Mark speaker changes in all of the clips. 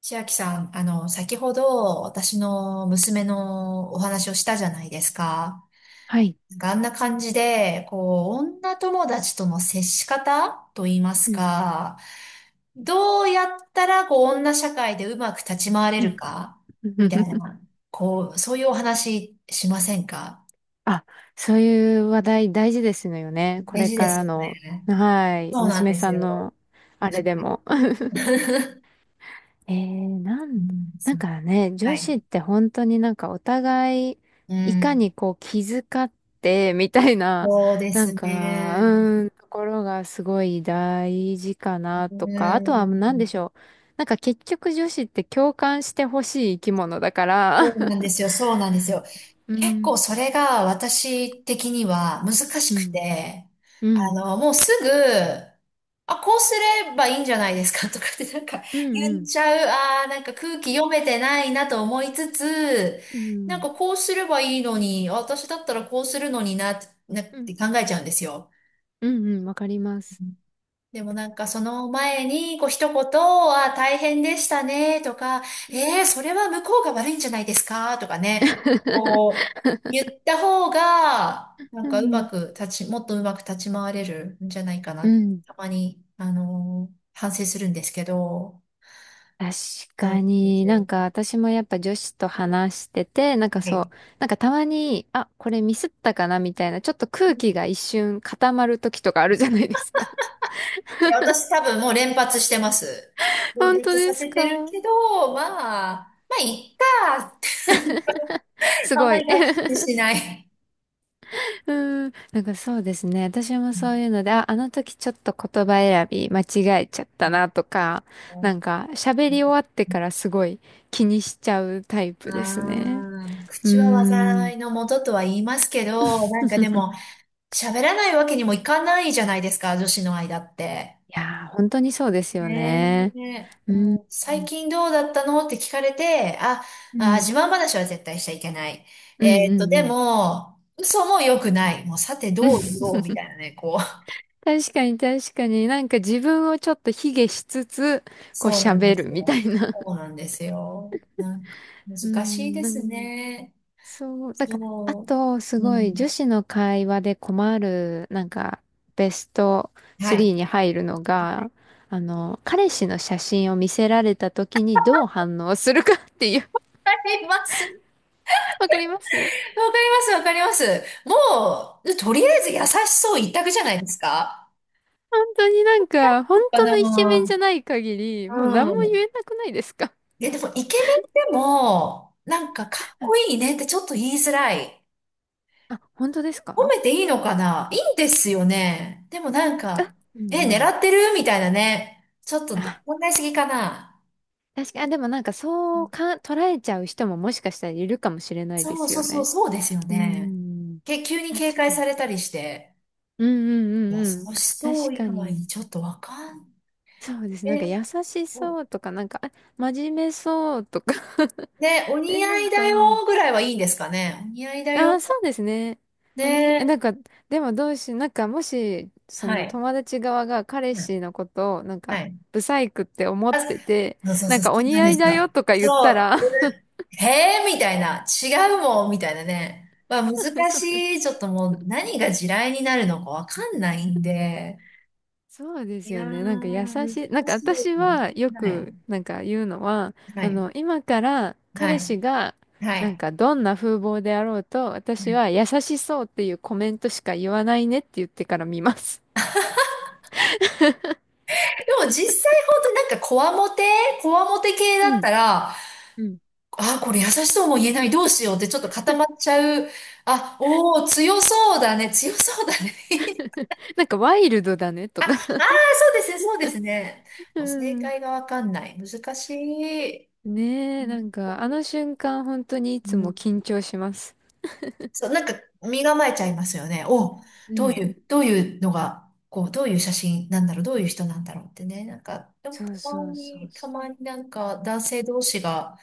Speaker 1: 千秋さん、先ほど私の娘のお話をしたじゃないですか。
Speaker 2: はい。
Speaker 1: なんかあんな感じで、こう、女友達との接し方と言います
Speaker 2: うん。
Speaker 1: か、どうやったら、こう、女社会でうまく立ち回れ
Speaker 2: うん
Speaker 1: るか、みたい な、こう、そういうお話しませんか？
Speaker 2: あ、そういう話題大事ですのよね。こ
Speaker 1: 大
Speaker 2: れ
Speaker 1: 事
Speaker 2: か
Speaker 1: です
Speaker 2: ら
Speaker 1: よ
Speaker 2: の、
Speaker 1: ね。
Speaker 2: はい、
Speaker 1: そうなん
Speaker 2: 娘
Speaker 1: で
Speaker 2: さ
Speaker 1: す
Speaker 2: ん
Speaker 1: よ。
Speaker 2: の、あれで
Speaker 1: はい。
Speaker 2: も。えー、な
Speaker 1: う
Speaker 2: ん、
Speaker 1: んです
Speaker 2: なん
Speaker 1: よね。
Speaker 2: かね、
Speaker 1: は
Speaker 2: 女
Speaker 1: い。
Speaker 2: 子って本当になんかお互い、
Speaker 1: う
Speaker 2: いか
Speaker 1: ん。
Speaker 2: にこう気遣って、みたいな、
Speaker 1: そうで
Speaker 2: な
Speaker 1: す
Speaker 2: んか、
Speaker 1: ね。
Speaker 2: ところがすごい大事か
Speaker 1: う
Speaker 2: なとか、あとは何でし
Speaker 1: ん。
Speaker 2: ょう。なんか結局女子って共感してほしい生き物だか
Speaker 1: そ
Speaker 2: ら、
Speaker 1: うなんですよ、そうなんですよ。
Speaker 2: う
Speaker 1: 結構
Speaker 2: ん。
Speaker 1: それが私的には難し
Speaker 2: う
Speaker 1: く
Speaker 2: ん。
Speaker 1: て、
Speaker 2: うん。
Speaker 1: もうすぐ、あ、こうすればいいんじゃないですか とかってなんか
Speaker 2: うんう
Speaker 1: 言っ
Speaker 2: ん。
Speaker 1: ちゃう、あーなんか空気読めてないなと思いつつ、
Speaker 2: う
Speaker 1: なん
Speaker 2: ん
Speaker 1: かこうすればいいのに、私だったらこうするのにな、なっ
Speaker 2: うん。
Speaker 1: て考えちゃうんですよ。
Speaker 2: うんうん。わかります。
Speaker 1: でもなんかその前に、こう一言、あ、大変でしたね、とか、
Speaker 2: うん
Speaker 1: それは向こうが悪いんじゃないですか、とかね、こう、言った方が、なん
Speaker 2: う
Speaker 1: か
Speaker 2: ん
Speaker 1: う
Speaker 2: う
Speaker 1: ま
Speaker 2: ん。
Speaker 1: く立ち、もっとうまく立ち回れるんじゃないか
Speaker 2: う
Speaker 1: な。
Speaker 2: ん。
Speaker 1: たまに、反省するんですけど、
Speaker 2: 確
Speaker 1: なん
Speaker 2: か
Speaker 1: で
Speaker 2: に
Speaker 1: すよ
Speaker 2: な
Speaker 1: ね。
Speaker 2: んか私もやっぱ女子と話してて、なんか
Speaker 1: は
Speaker 2: そう、
Speaker 1: い。
Speaker 2: なんかたまに、あ、これミスったかなみたいな、ちょっと空気が一瞬固まる時とかあるじゃないですか。
Speaker 1: で私多分もう連発してます。連
Speaker 2: 本当
Speaker 1: 発
Speaker 2: で
Speaker 1: さ
Speaker 2: す
Speaker 1: せてる
Speaker 2: か。
Speaker 1: けど、まあ、まあ、いっか。
Speaker 2: す
Speaker 1: あん
Speaker 2: ご
Speaker 1: ま
Speaker 2: い。
Speaker 1: り学習しない。
Speaker 2: うーん、なんかそうですね。私も
Speaker 1: う
Speaker 2: そう
Speaker 1: ん、
Speaker 2: いうので、あ、あの時ちょっと言葉選び間違えちゃった
Speaker 1: あっ
Speaker 2: なとか、
Speaker 1: た、
Speaker 2: なんか喋り終わってからすごい気にしちゃうタイ
Speaker 1: あ
Speaker 2: プですね。
Speaker 1: あ、
Speaker 2: う
Speaker 1: 口は
Speaker 2: ーん。い
Speaker 1: 災いのもととは言いますけど、なんかでも、喋らないわけにもいかないじゃないですか、女子の間って。
Speaker 2: やー、本当にそうですよね。
Speaker 1: ねえ、
Speaker 2: うん。
Speaker 1: もう最近どうだったのって聞かれて、あ、
Speaker 2: う
Speaker 1: あ、
Speaker 2: ん。
Speaker 1: 自慢話は絶対しちゃいけない。
Speaker 2: うんうんうん。う
Speaker 1: で
Speaker 2: ん。
Speaker 1: も、嘘も良くない。もうさてどう言おうみた いなね、こう。
Speaker 2: 確かに確かになんか自分をちょっと卑下しつつ、こう
Speaker 1: そうなん
Speaker 2: 喋
Speaker 1: で
Speaker 2: る
Speaker 1: す
Speaker 2: みた
Speaker 1: よ。
Speaker 2: いな。う
Speaker 1: そうなんですよ。なんか、難
Speaker 2: ー
Speaker 1: しい
Speaker 2: ん。
Speaker 1: ですね。
Speaker 2: そう、だから、あ
Speaker 1: そ
Speaker 2: と、す
Speaker 1: う。う
Speaker 2: ごい女
Speaker 1: ん。
Speaker 2: 子の会話で困る、なんか、ベスト
Speaker 1: は
Speaker 2: 3
Speaker 1: い。
Speaker 2: に入るのが、あの、彼氏の写真を見せられた時にどう反応するかっていう、
Speaker 1: あります。
Speaker 2: わかります。
Speaker 1: わかります、わかります。もう、とりあえず優しそう一択じゃないですか。
Speaker 2: 本当になんか、
Speaker 1: そ
Speaker 2: 本
Speaker 1: うか
Speaker 2: 当のイケメン
Speaker 1: な。
Speaker 2: じゃない限り、もう何
Speaker 1: う
Speaker 2: も言
Speaker 1: ん。
Speaker 2: えなくないですか。
Speaker 1: で、でも、イケメンでも、なんか、かっこいいねってちょっと言いづらい。
Speaker 2: あ、本当です
Speaker 1: 褒
Speaker 2: か。
Speaker 1: めていいのかないいんですよね。でもなんか、
Speaker 2: あ、うんう
Speaker 1: え、狙
Speaker 2: ん。
Speaker 1: ってるみたいなね。ちょっと、
Speaker 2: あ、
Speaker 1: 問題すぎかな。
Speaker 2: 確かに、あ、でもなんかそうか、捉えちゃう人ももしかしたらいるかもしれないで
Speaker 1: そう
Speaker 2: す
Speaker 1: そ
Speaker 2: よ
Speaker 1: うそう、
Speaker 2: ね。
Speaker 1: そうですよ
Speaker 2: うー
Speaker 1: ね。
Speaker 2: ん。
Speaker 1: け、急に警
Speaker 2: 確
Speaker 1: 戒
Speaker 2: か
Speaker 1: さ
Speaker 2: に。
Speaker 1: れたりして。
Speaker 2: うんう
Speaker 1: 優
Speaker 2: んうんうん。
Speaker 1: しそ
Speaker 2: 確
Speaker 1: う以
Speaker 2: か
Speaker 1: 外に
Speaker 2: に。
Speaker 1: ちょっとわかん、
Speaker 2: そうです。なんか
Speaker 1: え、
Speaker 2: 優しそうとか、なんか、真面目そうとか。
Speaker 1: ね、お似
Speaker 2: な
Speaker 1: 合
Speaker 2: ん
Speaker 1: いだ
Speaker 2: か、うん。
Speaker 1: よぐらいはいいんですかね。お似合いだ
Speaker 2: あ
Speaker 1: よ。
Speaker 2: ー、そうですね。まあに、な
Speaker 1: ね、
Speaker 2: んか、でもどうし、なんか、もし、そ
Speaker 1: は
Speaker 2: の
Speaker 1: い。
Speaker 2: 友達側が彼
Speaker 1: うん、
Speaker 2: 氏のことを、なん
Speaker 1: は
Speaker 2: か、
Speaker 1: い。
Speaker 2: ブサイクって思っ
Speaker 1: あ、そ
Speaker 2: てて、
Speaker 1: うそう
Speaker 2: な
Speaker 1: そ
Speaker 2: ん
Speaker 1: う、そ
Speaker 2: か、お
Speaker 1: うな
Speaker 2: 似
Speaker 1: ん
Speaker 2: 合
Speaker 1: で
Speaker 2: い
Speaker 1: す
Speaker 2: だ
Speaker 1: よ。
Speaker 2: よとか言っ
Speaker 1: そ
Speaker 2: たら。
Speaker 1: う。ええー、みたいな。違うもん、みたいなね。まあ、難
Speaker 2: そ
Speaker 1: し
Speaker 2: う
Speaker 1: い。ちょっともう、何が地雷になるのかわかんないんで。
Speaker 2: そうで
Speaker 1: い
Speaker 2: すよ
Speaker 1: やー、
Speaker 2: ね。なんか優
Speaker 1: 難
Speaker 2: しい。なんか
Speaker 1: しい
Speaker 2: 私
Speaker 1: な。は
Speaker 2: はよ
Speaker 1: い。
Speaker 2: くなんか言うのは、
Speaker 1: は
Speaker 2: あ
Speaker 1: い。
Speaker 2: の、今から
Speaker 1: は
Speaker 2: 彼
Speaker 1: い。
Speaker 2: 氏が
Speaker 1: は
Speaker 2: なん
Speaker 1: い。
Speaker 2: かどんな風貌であろうと、私
Speaker 1: で
Speaker 2: は優しそうっていうコメントしか言わないねって言ってから見ます。
Speaker 1: も実際本当になんかこわもて系 だ
Speaker 2: う
Speaker 1: っ
Speaker 2: ん。
Speaker 1: たら、
Speaker 2: うん。
Speaker 1: ああ、これ優しそうも言えない、どうしようってちょっと固まっちゃう。あ、おお、強そうだね、強そうだね。
Speaker 2: なんかワイルドだね
Speaker 1: あ、
Speaker 2: と
Speaker 1: ああ、
Speaker 2: か。
Speaker 1: そうですね、そうですね。
Speaker 2: う
Speaker 1: もう正
Speaker 2: ん。
Speaker 1: 解がわかんない。難しい。
Speaker 2: ね
Speaker 1: う
Speaker 2: え、なん
Speaker 1: ん。
Speaker 2: かあの瞬間本当にい
Speaker 1: う
Speaker 2: つも
Speaker 1: ん、
Speaker 2: 緊張します。
Speaker 1: そう、なんか身構えちゃいますよね。お、
Speaker 2: う
Speaker 1: どう
Speaker 2: ん。
Speaker 1: いう、どういうのが、こう、どういう写真なんだろう、どういう人なんだろうってね。なんか、でも
Speaker 2: そ
Speaker 1: た
Speaker 2: う
Speaker 1: ま
Speaker 2: そうそう
Speaker 1: に、た
Speaker 2: そう。
Speaker 1: まになんか男性同士が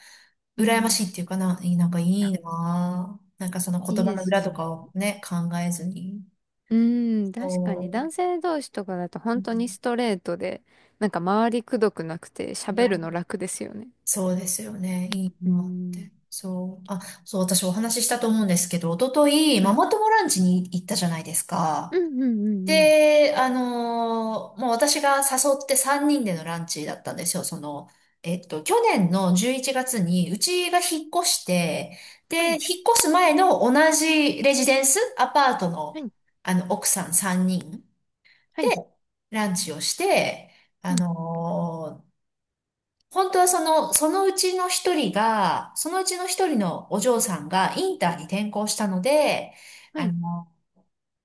Speaker 2: う
Speaker 1: 羨ま
Speaker 2: ん。
Speaker 1: しいっていうかな、いいなんかいい
Speaker 2: あ、
Speaker 1: なぁ。なんかその
Speaker 2: い
Speaker 1: 言
Speaker 2: い
Speaker 1: 葉
Speaker 2: で
Speaker 1: の
Speaker 2: す
Speaker 1: 裏
Speaker 2: よ
Speaker 1: とか
Speaker 2: ね。
Speaker 1: をね、考えずに。
Speaker 2: うーん、確かに
Speaker 1: そう。
Speaker 2: 男性同士とかだと
Speaker 1: う
Speaker 2: 本当に
Speaker 1: ん、
Speaker 2: ストレートで、なんか周りくどくなくて
Speaker 1: は
Speaker 2: 喋る
Speaker 1: い。
Speaker 2: の楽ですよね。
Speaker 1: そうですよね。いい
Speaker 2: うー
Speaker 1: なって。
Speaker 2: ん。
Speaker 1: そう。あ、そう、私お話ししたと思うんですけど、おととい、
Speaker 2: は
Speaker 1: マ
Speaker 2: い。
Speaker 1: マ友ランチに行ったじゃないですか。
Speaker 2: うんうんうんうん。
Speaker 1: で、もう私が誘って3人でのランチだったんですよ。その、去年の11月にうちが引っ越して、
Speaker 2: は
Speaker 1: で、引っ
Speaker 2: い。
Speaker 1: 越す前の同じレジデンス、アパート
Speaker 2: は
Speaker 1: の、
Speaker 2: い。
Speaker 1: 奥さん3人
Speaker 2: は
Speaker 1: で
Speaker 2: い。
Speaker 1: ランチをして、あ
Speaker 2: うん。
Speaker 1: のー本当はその、そのうちの一人が、そのうちの一人のお嬢さんがインターに転校したので、
Speaker 2: は
Speaker 1: あ
Speaker 2: い。
Speaker 1: の、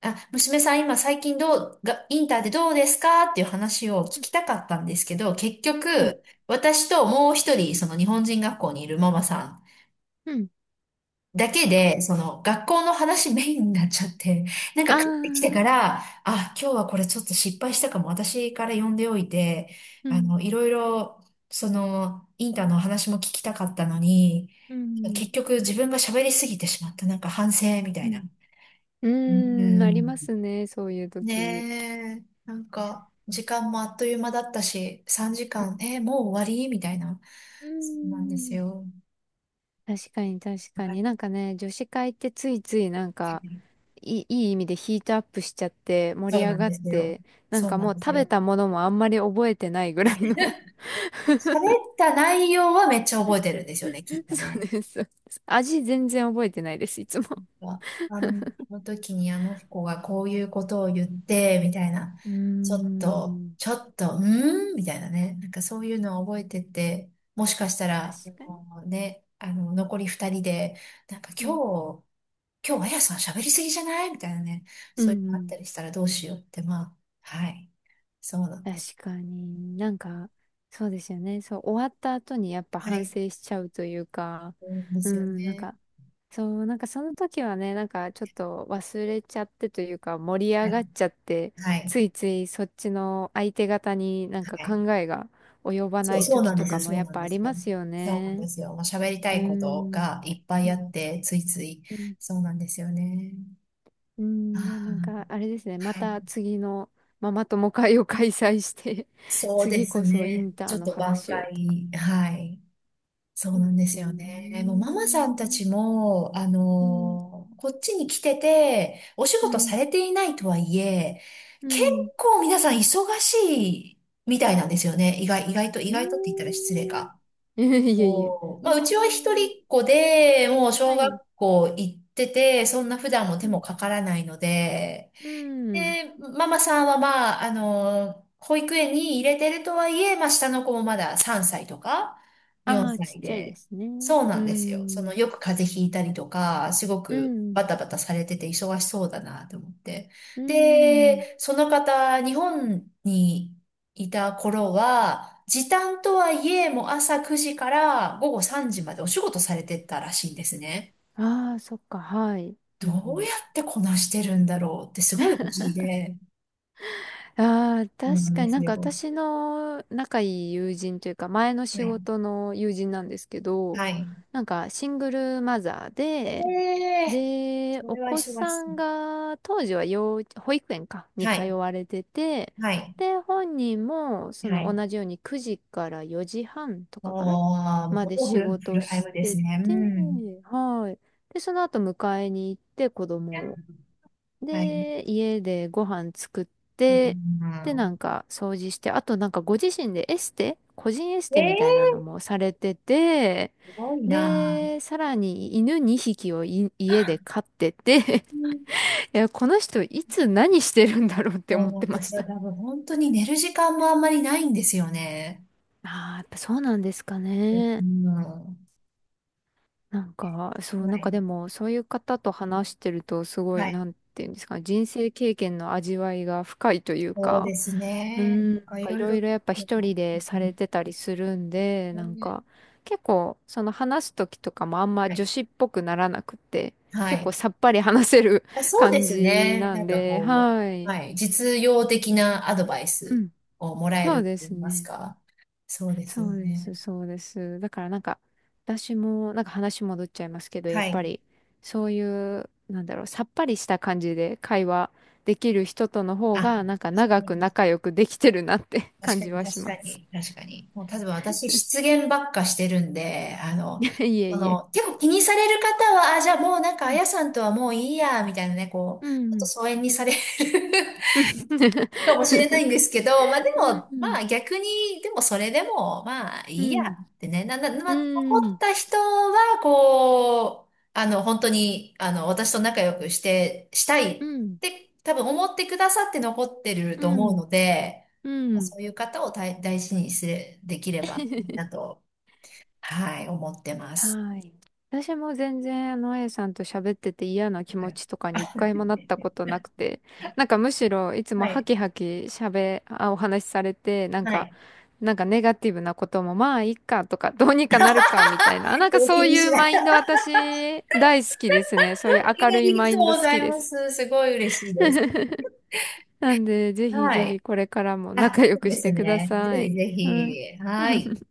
Speaker 1: あ、娘さん今最近どう、が、インターでどうですかっていう話を
Speaker 2: う
Speaker 1: 聞
Speaker 2: ん。
Speaker 1: きたかったんですけど、結
Speaker 2: うん。
Speaker 1: 局、私ともう一人、その日本人学校にいるママさ
Speaker 2: うん。
Speaker 1: んだけで、その学校の話メインになっちゃって、なんか
Speaker 2: あ
Speaker 1: 帰ってきてか
Speaker 2: あ。
Speaker 1: ら、あ、今日はこれちょっと失敗したかも、私から呼んでおいて、
Speaker 2: うん。
Speaker 1: いろいろ、その、インターの話も聞きたかったのに、
Speaker 2: うん。
Speaker 1: 結局自分が喋りすぎてしまった、なんか反省みた
Speaker 2: う
Speaker 1: いな。
Speaker 2: ん。う
Speaker 1: う
Speaker 2: ーん。ありま
Speaker 1: ん。
Speaker 2: すね。そういう時。
Speaker 1: ねえ、なんか、時間もあっという間だったし、3時間、もう終わりみたいな。
Speaker 2: うー
Speaker 1: そうなんです
Speaker 2: ん。
Speaker 1: よ。
Speaker 2: 確かに確か
Speaker 1: はい、
Speaker 2: に。なんかね、女子会ってついついなんか、いい意味でヒートアップしちゃって盛
Speaker 1: そ
Speaker 2: り
Speaker 1: う
Speaker 2: 上
Speaker 1: なん
Speaker 2: が
Speaker 1: で
Speaker 2: っ
Speaker 1: すよ。
Speaker 2: て、なん
Speaker 1: そう
Speaker 2: か
Speaker 1: な
Speaker 2: も
Speaker 1: ん
Speaker 2: う
Speaker 1: です
Speaker 2: 食べ
Speaker 1: よ。
Speaker 2: たものもあんまり覚えてないぐらいの。
Speaker 1: 喋った内容はめっちゃ覚えてるんですよね、きっと
Speaker 2: そう
Speaker 1: ね。
Speaker 2: です。味全然覚えてないです、いつも。
Speaker 1: あ、あの時にあの子がこういうことを言って、みたいな。
Speaker 2: うー
Speaker 1: ちょっと、
Speaker 2: ん、
Speaker 1: ちょっと、うーんみたいなね。なんかそういうのを覚えてて、もしかした
Speaker 2: 確
Speaker 1: ら、あ
Speaker 2: かに。
Speaker 1: のね、あの、残り2人で、なんか
Speaker 2: う
Speaker 1: 今
Speaker 2: ん。
Speaker 1: 日、今日、あやさん喋りすぎじゃないみたいなね、
Speaker 2: うん
Speaker 1: そういうの
Speaker 2: う
Speaker 1: あっ
Speaker 2: ん。
Speaker 1: たりしたらどうしようって、まあ、はい。そうなんです。
Speaker 2: 確かに。なんか、そうですよね。そう、終わった後にやっぱ
Speaker 1: は
Speaker 2: 反
Speaker 1: い。
Speaker 2: 省しちゃうというか、
Speaker 1: そうで
Speaker 2: う
Speaker 1: すよ
Speaker 2: ん、なん
Speaker 1: ね。
Speaker 2: か、そう、なんかその時はね、なんかちょっと忘れちゃってというか盛り
Speaker 1: は
Speaker 2: 上
Speaker 1: い。
Speaker 2: がっちゃって、
Speaker 1: はい。
Speaker 2: ついついそっちの相手方になんか
Speaker 1: はい。
Speaker 2: 考えが及ば
Speaker 1: そ
Speaker 2: な
Speaker 1: う、
Speaker 2: い
Speaker 1: そう
Speaker 2: 時
Speaker 1: なんで
Speaker 2: と
Speaker 1: すよ。
Speaker 2: かも
Speaker 1: そう
Speaker 2: やっ
Speaker 1: なん
Speaker 2: ぱ
Speaker 1: で
Speaker 2: あ
Speaker 1: す
Speaker 2: り
Speaker 1: よ。
Speaker 2: ますよ
Speaker 1: そうなん
Speaker 2: ね。
Speaker 1: ですよ。もう喋りた
Speaker 2: うー
Speaker 1: いこと
Speaker 2: ん。
Speaker 1: がいっぱ
Speaker 2: う
Speaker 1: いあ
Speaker 2: ん。
Speaker 1: って、ついつい。
Speaker 2: うん。
Speaker 1: そうなんですよね。
Speaker 2: うん。で、なんか
Speaker 1: あ、
Speaker 2: あれですね、ま
Speaker 1: あ、はい。
Speaker 2: た次のママ友会を開催して。
Speaker 1: そうで
Speaker 2: 次
Speaker 1: す
Speaker 2: こそイ
Speaker 1: ね。
Speaker 2: ンタ
Speaker 1: ち
Speaker 2: ー
Speaker 1: ょっ
Speaker 2: の
Speaker 1: と挽
Speaker 2: 話をとか。
Speaker 1: 回、はい。そ
Speaker 2: う
Speaker 1: うなん
Speaker 2: ん。
Speaker 1: で
Speaker 2: う
Speaker 1: す
Speaker 2: ー
Speaker 1: よね。もうママさんた
Speaker 2: ん。
Speaker 1: ちも、
Speaker 2: うん。
Speaker 1: こっちに来てて、お仕
Speaker 2: う
Speaker 1: 事
Speaker 2: ん。
Speaker 1: されていないとはいえ、
Speaker 2: う
Speaker 1: 結
Speaker 2: ん。
Speaker 1: 構皆さん忙しいみたいなんですよね。意
Speaker 2: え
Speaker 1: 外とって言ったら失礼
Speaker 2: ー、
Speaker 1: か。
Speaker 2: いえいえ。
Speaker 1: おー
Speaker 2: あ
Speaker 1: まあ、うちは一
Speaker 2: ー、
Speaker 1: 人っ子で、もう小
Speaker 2: は
Speaker 1: 学
Speaker 2: い。
Speaker 1: 校行ってて、そんな普段も手
Speaker 2: うん。
Speaker 1: もかからないので、
Speaker 2: うん。
Speaker 1: で、ママさんはまあ、保育園に入れてるとはいえ、まあ、下の子もまだ3歳とか4
Speaker 2: ああ、ちっ
Speaker 1: 歳
Speaker 2: ちゃいで
Speaker 1: で、
Speaker 2: すね。
Speaker 1: そうな
Speaker 2: う
Speaker 1: んですよ。その、
Speaker 2: ん。
Speaker 1: よく風邪ひいたりとか、すご
Speaker 2: う
Speaker 1: く
Speaker 2: ん。
Speaker 1: バタバタされてて忙しそうだなと思って。
Speaker 2: うん。
Speaker 1: で、その方、日本にいた頃は、時短とはいえ、もう朝9時から午後3時までお仕事されてたらしいんですね。
Speaker 2: ああ、そっか、はい。う
Speaker 1: どうや
Speaker 2: ん。
Speaker 1: ってこなしてるんだろうってすごい不思議で。
Speaker 2: うん、ああ、
Speaker 1: そうな
Speaker 2: 確
Speaker 1: ん
Speaker 2: か
Speaker 1: で
Speaker 2: に
Speaker 1: す
Speaker 2: なんか
Speaker 1: よ。
Speaker 2: 私の仲いい友人というか、前の
Speaker 1: は
Speaker 2: 仕
Speaker 1: い。
Speaker 2: 事の友人なんですけど、
Speaker 1: はい。
Speaker 2: なんかシングルマザーで、
Speaker 1: ええ、
Speaker 2: で、
Speaker 1: そ
Speaker 2: お
Speaker 1: れは
Speaker 2: 子
Speaker 1: 忙し
Speaker 2: さ
Speaker 1: そ
Speaker 2: ん
Speaker 1: う。
Speaker 2: が当時は幼稚、保育園か、に
Speaker 1: は
Speaker 2: 通
Speaker 1: い。
Speaker 2: われてて、
Speaker 1: はい。
Speaker 2: で、本人もそ
Speaker 1: は
Speaker 2: の
Speaker 1: い。
Speaker 2: 同じように9時から4時半と
Speaker 1: お
Speaker 2: かかな、
Speaker 1: ー、もう
Speaker 2: ま
Speaker 1: ほ
Speaker 2: で
Speaker 1: ぼ
Speaker 2: 仕
Speaker 1: フ
Speaker 2: 事
Speaker 1: ルタイ
Speaker 2: し
Speaker 1: ムです
Speaker 2: て
Speaker 1: ね。う
Speaker 2: て、
Speaker 1: ん。
Speaker 2: はい。で、その後迎えに行って子
Speaker 1: い
Speaker 2: 供
Speaker 1: や、
Speaker 2: を。
Speaker 1: はい。
Speaker 2: で、家でご飯作っ
Speaker 1: う
Speaker 2: て、で、な
Speaker 1: ん、
Speaker 2: んか掃除して、あとなんかご自身でエステ、個人エステみたいな
Speaker 1: ええ、
Speaker 2: のもされてて、
Speaker 1: すごいな。
Speaker 2: で、さらに犬2匹をい家で飼ってて。 いや、この人いつ何してるんだろうって
Speaker 1: そ
Speaker 2: 思
Speaker 1: う
Speaker 2: っ
Speaker 1: な
Speaker 2: て
Speaker 1: んで
Speaker 2: ま
Speaker 1: す
Speaker 2: し
Speaker 1: よ。
Speaker 2: た。
Speaker 1: 多分本当に寝る時間もあんまりないんですよね。
Speaker 2: ああ、やっぱそうなんですか
Speaker 1: う
Speaker 2: ね。
Speaker 1: ん。は
Speaker 2: なんか、そう、なんかで
Speaker 1: い。
Speaker 2: も、そういう方と話してると、すご
Speaker 1: は
Speaker 2: い、
Speaker 1: い。
Speaker 2: なんていうんですか、人生経験の味わいが深いという
Speaker 1: そうで
Speaker 2: か、
Speaker 1: す
Speaker 2: うー
Speaker 1: ね。なん
Speaker 2: ん、なん
Speaker 1: かい
Speaker 2: かい
Speaker 1: ろい
Speaker 2: ろ
Speaker 1: ろ。
Speaker 2: い
Speaker 1: う
Speaker 2: ろやっぱ一人でされてたりするんで、なん
Speaker 1: ん、
Speaker 2: か、結構、その話す時とかもあんま
Speaker 1: は
Speaker 2: 女
Speaker 1: い。
Speaker 2: 子っぽくならなくて、
Speaker 1: は
Speaker 2: 結構
Speaker 1: い、
Speaker 2: さっぱり話せる。
Speaker 1: あ、 そうで
Speaker 2: 感
Speaker 1: す
Speaker 2: じ
Speaker 1: ね。
Speaker 2: な
Speaker 1: なん
Speaker 2: ん
Speaker 1: か
Speaker 2: で、
Speaker 1: こ
Speaker 2: は
Speaker 1: う、
Speaker 2: い。
Speaker 1: はい、実用的なアドバイ
Speaker 2: う
Speaker 1: ス
Speaker 2: ん。
Speaker 1: をもらえ
Speaker 2: そう
Speaker 1: ると
Speaker 2: で
Speaker 1: 言い
Speaker 2: す
Speaker 1: ます
Speaker 2: ね。
Speaker 1: か。そうですよ
Speaker 2: そうです、
Speaker 1: ね。
Speaker 2: そうです。だからなんか、私も、なんか話戻っちゃいますけど、や
Speaker 1: は
Speaker 2: っぱ
Speaker 1: い。
Speaker 2: り、そういう、なんだろう、さっぱりした感じで会話できる人との方
Speaker 1: あ、
Speaker 2: が、なんか長く仲良くできてるなって。
Speaker 1: 確
Speaker 2: 感
Speaker 1: かに、
Speaker 2: じはし
Speaker 1: 確
Speaker 2: ま
Speaker 1: か
Speaker 2: す。
Speaker 1: に、確かに。もう、例えば私、失言ばっかしてるんで、
Speaker 2: いえ
Speaker 1: そ
Speaker 2: いえ。
Speaker 1: の、結構気にされる方は、あ、じゃあもうなんか、
Speaker 2: う
Speaker 1: あ
Speaker 2: ん。
Speaker 1: やさんとはもういいや、みたいなね、こう、
Speaker 2: う
Speaker 1: ちょっと
Speaker 2: ん。
Speaker 1: 疎遠にされる
Speaker 2: うん。
Speaker 1: かもしれない んですけど、まあでも、
Speaker 2: う
Speaker 1: ま
Speaker 2: ん。
Speaker 1: あ逆に、でもそれでも、まあ
Speaker 2: う
Speaker 1: いいや
Speaker 2: ん。
Speaker 1: ってね、な、な、ま
Speaker 2: う
Speaker 1: あ残っ
Speaker 2: ん。
Speaker 1: た人は、こう、本当に、私と仲良くして、したい
Speaker 2: う
Speaker 1: っ
Speaker 2: ん。うん。
Speaker 1: て多分思ってくださって残ってる
Speaker 2: う
Speaker 1: と思う
Speaker 2: ん。
Speaker 1: ので、
Speaker 2: う
Speaker 1: まあ
Speaker 2: ん。
Speaker 1: そういう方を大事にすれ、できればいい なと、はい、思ってます。
Speaker 2: はい。私も全然、あの、A さんと喋ってて嫌な気
Speaker 1: は
Speaker 2: 持
Speaker 1: い。
Speaker 2: ちとかに一回もなった ことなくて、なんかむしろいつも
Speaker 1: は
Speaker 2: ハ
Speaker 1: い。
Speaker 2: キハキ喋、あ、お話しされて、なん
Speaker 1: は
Speaker 2: か、
Speaker 1: い。
Speaker 2: なんかネガティブなこともまあいいかとか、どうにかなるかみたいな、なんかそ
Speaker 1: 気
Speaker 2: う
Speaker 1: に
Speaker 2: い
Speaker 1: し
Speaker 2: う
Speaker 1: ない。
Speaker 2: マインド 私大好きですね。そ
Speaker 1: あ
Speaker 2: ういう
Speaker 1: り
Speaker 2: 明
Speaker 1: が
Speaker 2: るいマ
Speaker 1: と
Speaker 2: イ
Speaker 1: う
Speaker 2: ンド
Speaker 1: ご
Speaker 2: 好
Speaker 1: ざ
Speaker 2: き
Speaker 1: い
Speaker 2: で
Speaker 1: ま
Speaker 2: す。
Speaker 1: す。すごい嬉しいです。
Speaker 2: なんで、ぜひ
Speaker 1: は
Speaker 2: ぜひ
Speaker 1: い。
Speaker 2: これからも
Speaker 1: あ、
Speaker 2: 仲良
Speaker 1: そう
Speaker 2: く
Speaker 1: で
Speaker 2: し
Speaker 1: す
Speaker 2: てくだ
Speaker 1: ね。
Speaker 2: さ
Speaker 1: ぜ
Speaker 2: い。
Speaker 1: ひぜ
Speaker 2: はい。
Speaker 1: ひ。はい。